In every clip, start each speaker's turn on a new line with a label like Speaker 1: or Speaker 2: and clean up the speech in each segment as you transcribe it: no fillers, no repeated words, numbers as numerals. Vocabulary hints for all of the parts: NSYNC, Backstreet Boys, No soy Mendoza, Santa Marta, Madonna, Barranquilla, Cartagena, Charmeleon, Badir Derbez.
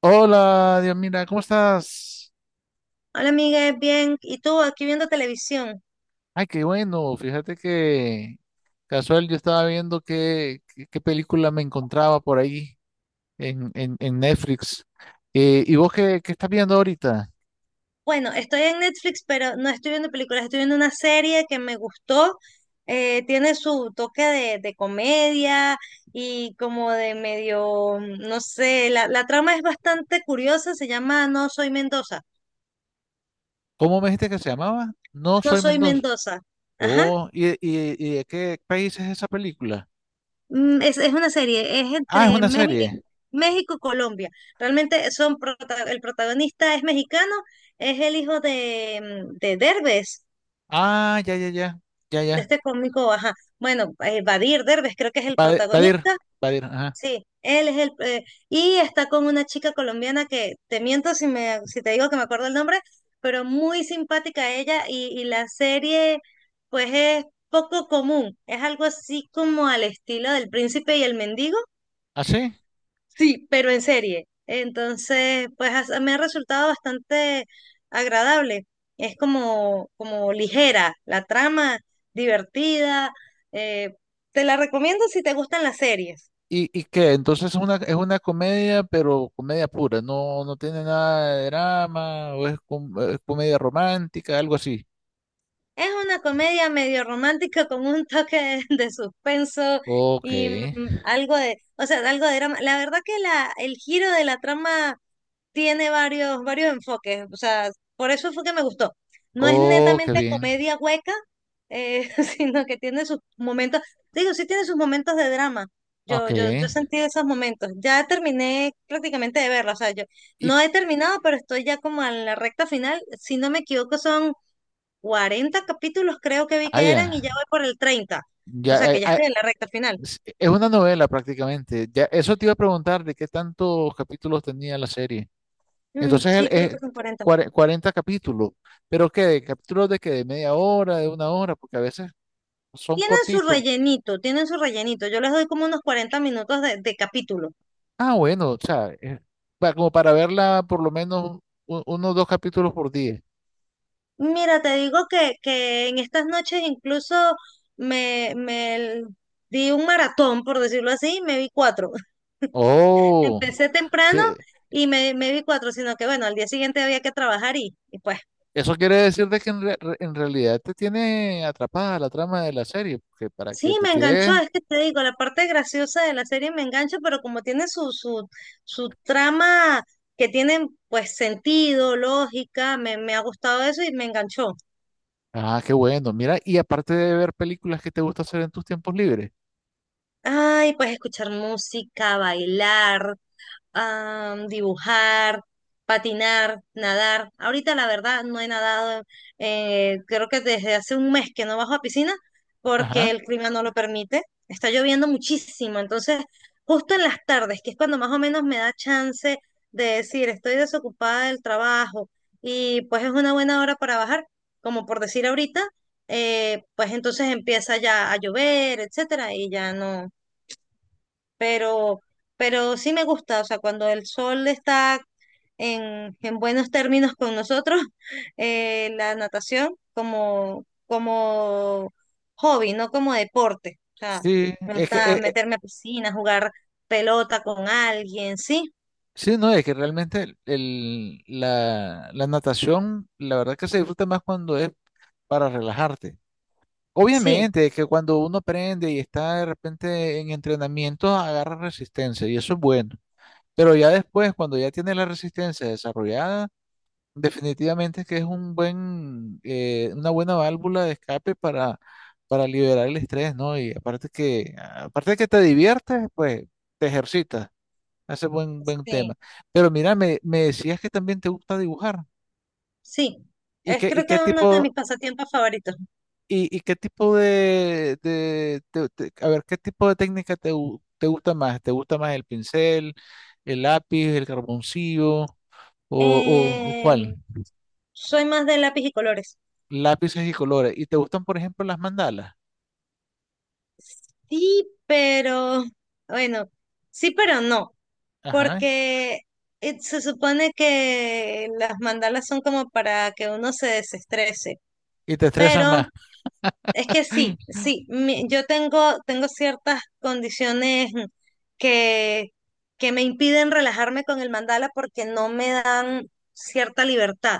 Speaker 1: Hola, Dios, mira, ¿cómo estás?
Speaker 2: Hola amiga, bien. ¿Y tú aquí viendo televisión?
Speaker 1: Ay, qué bueno. Fíjate que casual yo estaba viendo qué película me encontraba por ahí en Netflix. ¿Y vos qué estás viendo ahorita?
Speaker 2: Bueno, estoy en Netflix, pero no estoy viendo películas, estoy viendo una serie que me gustó. Tiene su toque de comedia y como de medio, no sé, la trama es bastante curiosa, se llama No soy Mendoza.
Speaker 1: ¿Cómo me dijiste que se llamaba? No
Speaker 2: No
Speaker 1: soy
Speaker 2: soy
Speaker 1: Mendoza.
Speaker 2: Mendoza. Ajá.
Speaker 1: Oh, ¿y de qué país es esa película?
Speaker 2: Es una serie, es
Speaker 1: Ah, es
Speaker 2: entre
Speaker 1: una
Speaker 2: México
Speaker 1: serie.
Speaker 2: México y Colombia. Realmente el protagonista es mexicano, es el hijo de, de Derbez.
Speaker 1: Ah, ya, ya, ya, ya,
Speaker 2: De
Speaker 1: ya.
Speaker 2: este cómico, ajá, bueno, Badir Derbez creo que es el
Speaker 1: Badir,
Speaker 2: protagonista,
Speaker 1: Badir, ajá.
Speaker 2: sí, él es el, y está con una chica colombiana que, te miento si me, si te digo que me acuerdo el nombre, pero muy simpática ella, y la serie, pues es poco común, es algo así como al estilo del príncipe y el mendigo.
Speaker 1: ¿Ah, sí?
Speaker 2: Sí, pero en serie. Entonces, me ha resultado bastante agradable. Es como, como ligera la trama, divertida. eh, Te la recomiendo si te gustan las series.
Speaker 1: Y qué? Entonces es una comedia, pero comedia pura, no, no tiene nada de drama, es comedia romántica, algo así.
Speaker 2: Es una comedia medio romántica con un toque de suspenso
Speaker 1: Ok,
Speaker 2: y algo de, o sea, algo de drama. La verdad que el giro de la trama tiene varios enfoques, o sea, por eso fue que me gustó. No es
Speaker 1: oh, qué
Speaker 2: netamente
Speaker 1: bien,
Speaker 2: comedia hueca, eh, sino que tiene sus momentos, digo, sí tiene sus momentos de drama.
Speaker 1: ok.
Speaker 2: Yo sentí esos momentos. Ya terminé prácticamente de verla, o sea, yo
Speaker 1: Y
Speaker 2: no he terminado, pero estoy ya como en la recta final. Si no me equivoco, son 40 capítulos, creo que vi que eran, y
Speaker 1: vaya,
Speaker 2: ya voy por el treinta. O sea,
Speaker 1: ya,
Speaker 2: que ya estoy en la recta final.
Speaker 1: es una novela prácticamente. Ya, eso te iba a preguntar de qué tantos capítulos tenía la serie. Entonces el-
Speaker 2: Sí, creo
Speaker 1: es
Speaker 2: que son cuarenta.
Speaker 1: 40 capítulos, pero qué, ¿De capítulos de qué, de media hora, de una hora, porque a veces son
Speaker 2: Tienen su
Speaker 1: cortitos.
Speaker 2: rellenito, tienen su rellenito. Yo les doy como unos 40 minutos de capítulo.
Speaker 1: Ah, bueno, o sea, como para verla por lo menos uno o dos capítulos por día.
Speaker 2: Mira, te digo que en estas noches incluso me, me l- di un maratón, por decirlo así, y me vi cuatro.
Speaker 1: Oh,
Speaker 2: Empecé temprano
Speaker 1: sí,
Speaker 2: y me vi cuatro, sino que bueno, al día siguiente había que trabajar y pues
Speaker 1: eso quiere decir de que en realidad te tiene atrapada la trama de la serie, porque para que
Speaker 2: sí,
Speaker 1: te
Speaker 2: me enganchó.
Speaker 1: tires.
Speaker 2: Es que te digo, la parte graciosa de la serie me engancha, pero como tiene su trama que tiene pues sentido, lógica, me ha gustado eso y me enganchó.
Speaker 1: Ah, qué bueno, mira, y aparte de ver películas que te gusta hacer en tus tiempos libres.
Speaker 2: Ay, puedes escuchar música, bailar, ah, dibujar, patinar, nadar. Ahorita la verdad no he nadado, creo que desde hace un mes que no bajo a piscina porque
Speaker 1: Ajá.
Speaker 2: el clima no lo permite. Está lloviendo muchísimo, entonces justo en las tardes, que es cuando más o menos me da chance de decir estoy desocupada del trabajo y pues es una buena hora para bajar, como por decir ahorita, pues entonces empieza ya a llover, etcétera, y ya no pero, pero sí me gusta, o sea, cuando el sol está en buenos términos con nosotros, la natación como, como hobby, no como deporte. O sea,
Speaker 1: Sí,
Speaker 2: me
Speaker 1: es que,
Speaker 2: gusta meterme a piscina, jugar pelota con alguien, sí,
Speaker 1: sí, no, es que realmente la natación, la verdad que se disfruta más cuando es para relajarte.
Speaker 2: sí,
Speaker 1: Obviamente, que cuando uno aprende y está de repente en entrenamiento, agarra resistencia y eso es bueno. Pero ya después, cuando ya tiene la resistencia desarrollada, definitivamente es que es un buen, una buena válvula de escape para liberar el estrés, ¿no? Y aparte que, aparte de que te diviertes, pues te ejercitas. Ese es buen tema.
Speaker 2: sí,
Speaker 1: Pero mira, me decías que también te gusta dibujar.
Speaker 2: sí. Es
Speaker 1: Y
Speaker 2: creo que
Speaker 1: qué
Speaker 2: es uno de
Speaker 1: tipo,
Speaker 2: mis pasatiempos favoritos.
Speaker 1: ¿Y qué tipo de, a ver, qué tipo de técnica te gusta más? ¿Te gusta más el pincel, el lápiz, el carboncillo o
Speaker 2: Eh,
Speaker 1: cuál?
Speaker 2: Soy más de lápiz y colores.
Speaker 1: Lápices y colores. ¿Y te gustan, por ejemplo, las mandalas?
Speaker 2: Sí, pero bueno, sí, pero no.
Speaker 1: Ajá.
Speaker 2: Porque se supone que las mandalas son como para que uno se desestrese,
Speaker 1: ¿Y te estresan
Speaker 2: pero
Speaker 1: más?
Speaker 2: es que sí, yo tengo, tengo ciertas condiciones que, que me impiden relajarme con el mandala porque no me dan cierta libertad.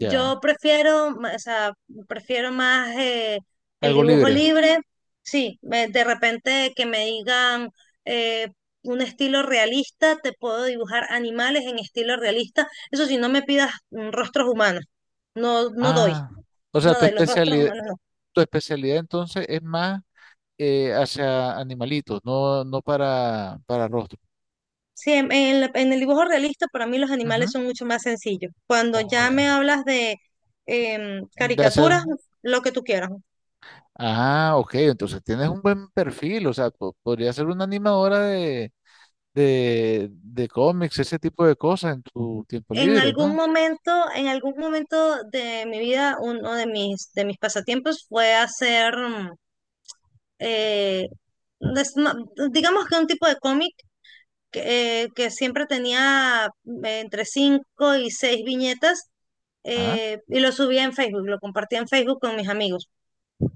Speaker 1: Ya.
Speaker 2: prefiero, ma- O sea, prefiero más el
Speaker 1: Algo
Speaker 2: dibujo
Speaker 1: libre.
Speaker 2: libre. Sí, de repente que me digan eh, un estilo realista, te puedo dibujar animales en estilo realista. Eso sí, no me pidas rostros humanos. No, no doy,
Speaker 1: Ah. O sea,
Speaker 2: no doy los rostros humanos, no.
Speaker 1: tu especialidad entonces es más hacia animalitos, no, no para, para rostro.
Speaker 2: Sí, en el dibujo realista para mí los animales
Speaker 1: Ujú.
Speaker 2: son mucho más sencillos. Cuando
Speaker 1: Oh,
Speaker 2: ya
Speaker 1: ya.
Speaker 2: me hablas de
Speaker 1: De hacer.
Speaker 2: caricaturas, lo que tú quieras.
Speaker 1: Ah, ok, entonces tienes un buen perfil, o sea, podría ser una animadora de cómics, ese tipo de cosas en tu tiempo libre, ¿no?
Speaker 2: En algún momento de mi vida, uno de de mis pasatiempos fue hacer, mm, eh, des- no, digamos que un tipo de cómic que siempre tenía entre cinco y seis viñetas,
Speaker 1: Ah,
Speaker 2: y lo subía en Facebook, lo compartía en Facebook con mis amigos.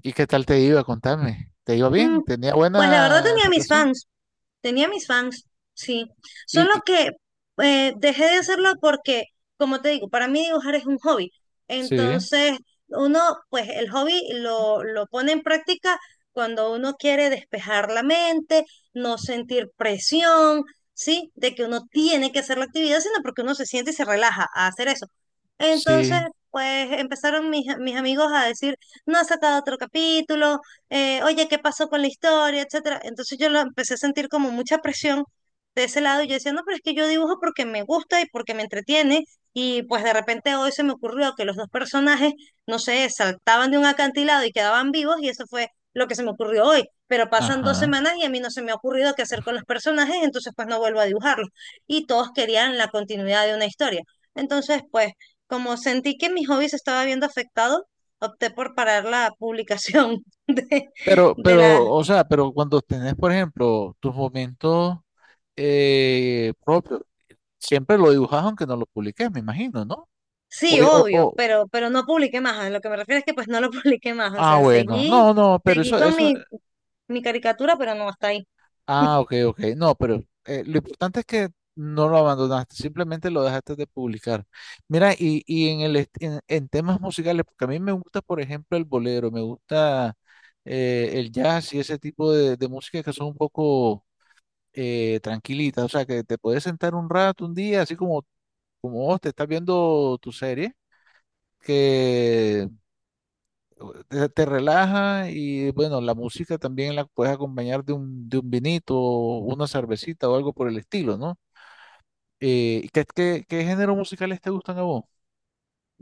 Speaker 1: ¿y qué tal te iba? Contame. ¿Te iba
Speaker 2: Mm,
Speaker 1: bien? ¿Tenía
Speaker 2: pues la verdad
Speaker 1: buena
Speaker 2: tenía mis
Speaker 1: aceptación?
Speaker 2: fans. Tenía mis fans, sí.
Speaker 1: Y,
Speaker 2: Solo
Speaker 1: y-
Speaker 2: que dejé de hacerlo porque, como te digo, para mí dibujar es un hobby.
Speaker 1: sí,
Speaker 2: Entonces, uno, pues el hobby lo pone en práctica cuando uno quiere despejar la mente, no sentir presión, ¿sí? De que uno tiene que hacer la actividad, sino porque uno se siente y se relaja a hacer eso. Entonces,
Speaker 1: sí,
Speaker 2: pues empezaron mis amigos a decir, no has sacado otro capítulo, oye, ¿qué pasó con la historia?, etcétera. Entonces yo lo empecé a sentir como mucha presión de ese lado y yo decía, no, pero es que yo dibujo porque me gusta y porque me entretiene y pues de repente hoy se me ocurrió que los dos personajes, no sé, saltaban de un acantilado y quedaban vivos y eso fue lo que se me ocurrió hoy, pero pasan dos
Speaker 1: ajá.
Speaker 2: semanas y a mí no se me ha ocurrido qué hacer con los personajes, entonces pues no vuelvo a dibujarlos y todos querían la continuidad de una historia. Entonces pues como sentí que mi hobby se estaba viendo afectado, opté por parar la publicación de,
Speaker 1: Pero,
Speaker 2: de la...
Speaker 1: pero, o sea, pero cuando tenés, por ejemplo, tus momentos propios, siempre lo dibujas aunque no lo publiques, me imagino, ¿no? O,
Speaker 2: Sí,
Speaker 1: o,
Speaker 2: obvio,
Speaker 1: o-
Speaker 2: pero no publiqué más. A lo que me refiero es que pues no lo publiqué más. O
Speaker 1: ah,
Speaker 2: sea,
Speaker 1: bueno,
Speaker 2: seguí,
Speaker 1: no, no, pero
Speaker 2: seguí
Speaker 1: eso,
Speaker 2: con
Speaker 1: eso.
Speaker 2: mi caricatura, pero no hasta ahí.
Speaker 1: Ah, ok, ok. No, pero lo importante es que no lo abandonaste, simplemente lo dejaste de publicar. Mira, y en el est- en temas musicales, porque a mí me gusta, por ejemplo, el bolero, me gusta el jazz y ese tipo de música que son un poco tranquilitas, o sea, que te puedes sentar un rato, un día, así como, como vos te estás viendo tu serie, te relaja y bueno, la música también la puedes acompañar de un vinito, o una cervecita o algo por el estilo, ¿no? ¿Qué géneros musicales te gustan a vos?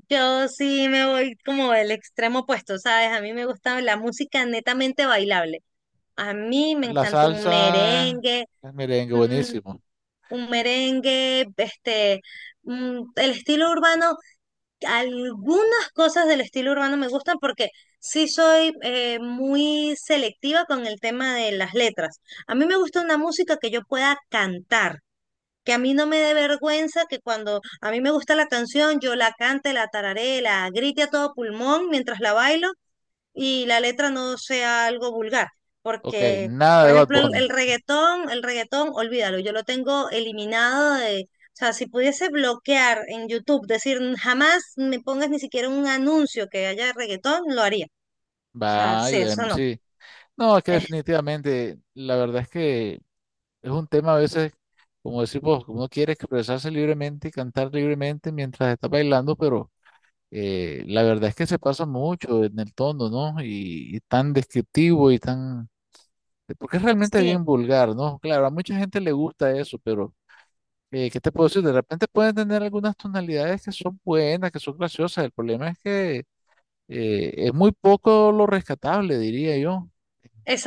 Speaker 2: Yo sí me voy como el extremo opuesto, ¿sabes? A mí me gusta la música netamente bailable. A mí me
Speaker 1: La
Speaker 2: encanta un
Speaker 1: salsa,
Speaker 2: merengue,
Speaker 1: el merengue,
Speaker 2: un,
Speaker 1: buenísimo.
Speaker 2: un merengue, este, el estilo urbano. Algunas cosas del estilo urbano me gustan porque sí soy muy selectiva con el tema de las letras. A mí me gusta una música que yo pueda cantar, que a mí no me dé vergüenza que cuando a mí me gusta la canción yo la cante, la tararé, la grite a todo pulmón mientras la bailo y la letra no sea algo vulgar,
Speaker 1: Ok,
Speaker 2: porque,
Speaker 1: nada
Speaker 2: por
Speaker 1: de Bad
Speaker 2: ejemplo,
Speaker 1: Bunny.
Speaker 2: el reggaetón, olvídalo, yo lo tengo eliminado de, o sea, si pudiese bloquear en YouTube, decir jamás me pongas ni siquiera un anuncio que haya reggaetón, lo haría. O sea, sí,
Speaker 1: Vaya, em,
Speaker 2: eso no.
Speaker 1: sí. No, es que
Speaker 2: Es-
Speaker 1: definitivamente, la verdad es que es un tema a veces, como decimos, uno quiere expresarse libremente y cantar libremente mientras está bailando, pero la verdad es que se pasa mucho en el tono, ¿no? Y tan descriptivo y tan... Porque es realmente
Speaker 2: sí,
Speaker 1: bien vulgar, ¿no? Claro, a mucha gente le gusta eso, pero ¿qué te puedo decir? De repente pueden tener algunas tonalidades que son buenas, que son graciosas. El problema es que es muy poco lo rescatable, diría yo,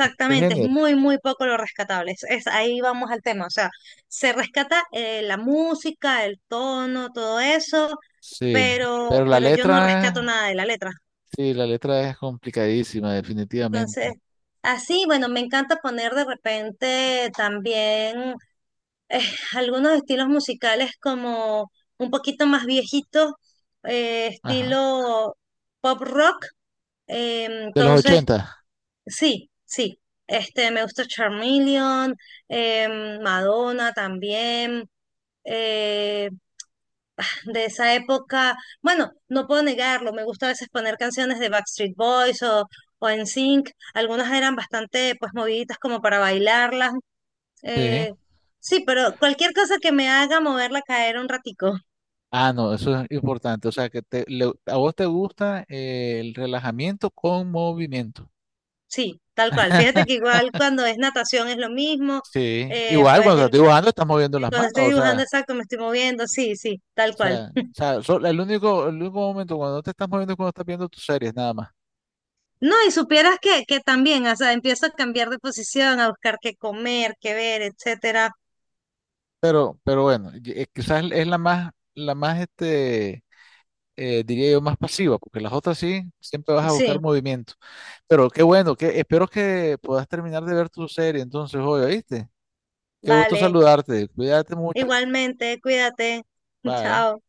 Speaker 1: en este
Speaker 2: es
Speaker 1: género.
Speaker 2: muy, muy poco lo rescatable. Ahí vamos al tema, o sea, se rescata la música, el tono, todo eso,
Speaker 1: Sí, pero la
Speaker 2: pero yo no rescato
Speaker 1: letra,
Speaker 2: nada de la letra.
Speaker 1: sí, la letra es complicadísima,
Speaker 2: Entonces,
Speaker 1: definitivamente.
Speaker 2: así, bueno, me encanta poner de repente también eh, algunos estilos musicales como un poquito más viejitos,
Speaker 1: Ajá.
Speaker 2: estilo pop rock.
Speaker 1: De los
Speaker 2: Entonces,
Speaker 1: 80.
Speaker 2: sí, sí, este, me gusta Charmeleon, Madonna también, eh, de esa época. Bueno, no puedo negarlo, me gusta a veces poner canciones de Backstreet Boys o NSYNC. Algunas eran bastante pues moviditas como para bailarlas.
Speaker 1: Sí.
Speaker 2: eh, sí, pero cualquier cosa que me haga moverla caer un ratico.
Speaker 1: Ah, no, eso es importante. O sea, que a vos te gusta el relajamiento con movimiento.
Speaker 2: Sí, tal cual. Fíjate que igual cuando es natación es lo mismo.
Speaker 1: Sí,
Speaker 2: eh,
Speaker 1: igual
Speaker 2: pues
Speaker 1: cuando estás
Speaker 2: el-
Speaker 1: dibujando estás moviendo las
Speaker 2: Cuando
Speaker 1: manos,
Speaker 2: estoy
Speaker 1: o
Speaker 2: dibujando
Speaker 1: sea,
Speaker 2: exacto me estoy moviendo. Sí, sí, tal cual.
Speaker 1: el único momento cuando no te estás moviendo es cuando estás viendo tus series nada más.
Speaker 2: No, y supieras que también, o sea, empiezo a cambiar de posición, a buscar qué comer, qué ver, etcétera.
Speaker 1: Pero bueno, quizás es la más este, diría yo, más pasiva, porque las otras sí, siempre vas a
Speaker 2: Sí,
Speaker 1: buscar movimiento. Pero qué bueno, que espero que puedas terminar de ver tu serie entonces hoy, ¿oíste? Qué gusto
Speaker 2: vale.
Speaker 1: saludarte, cuídate mucho.
Speaker 2: Igualmente, cuídate.
Speaker 1: Bye.
Speaker 2: Chao.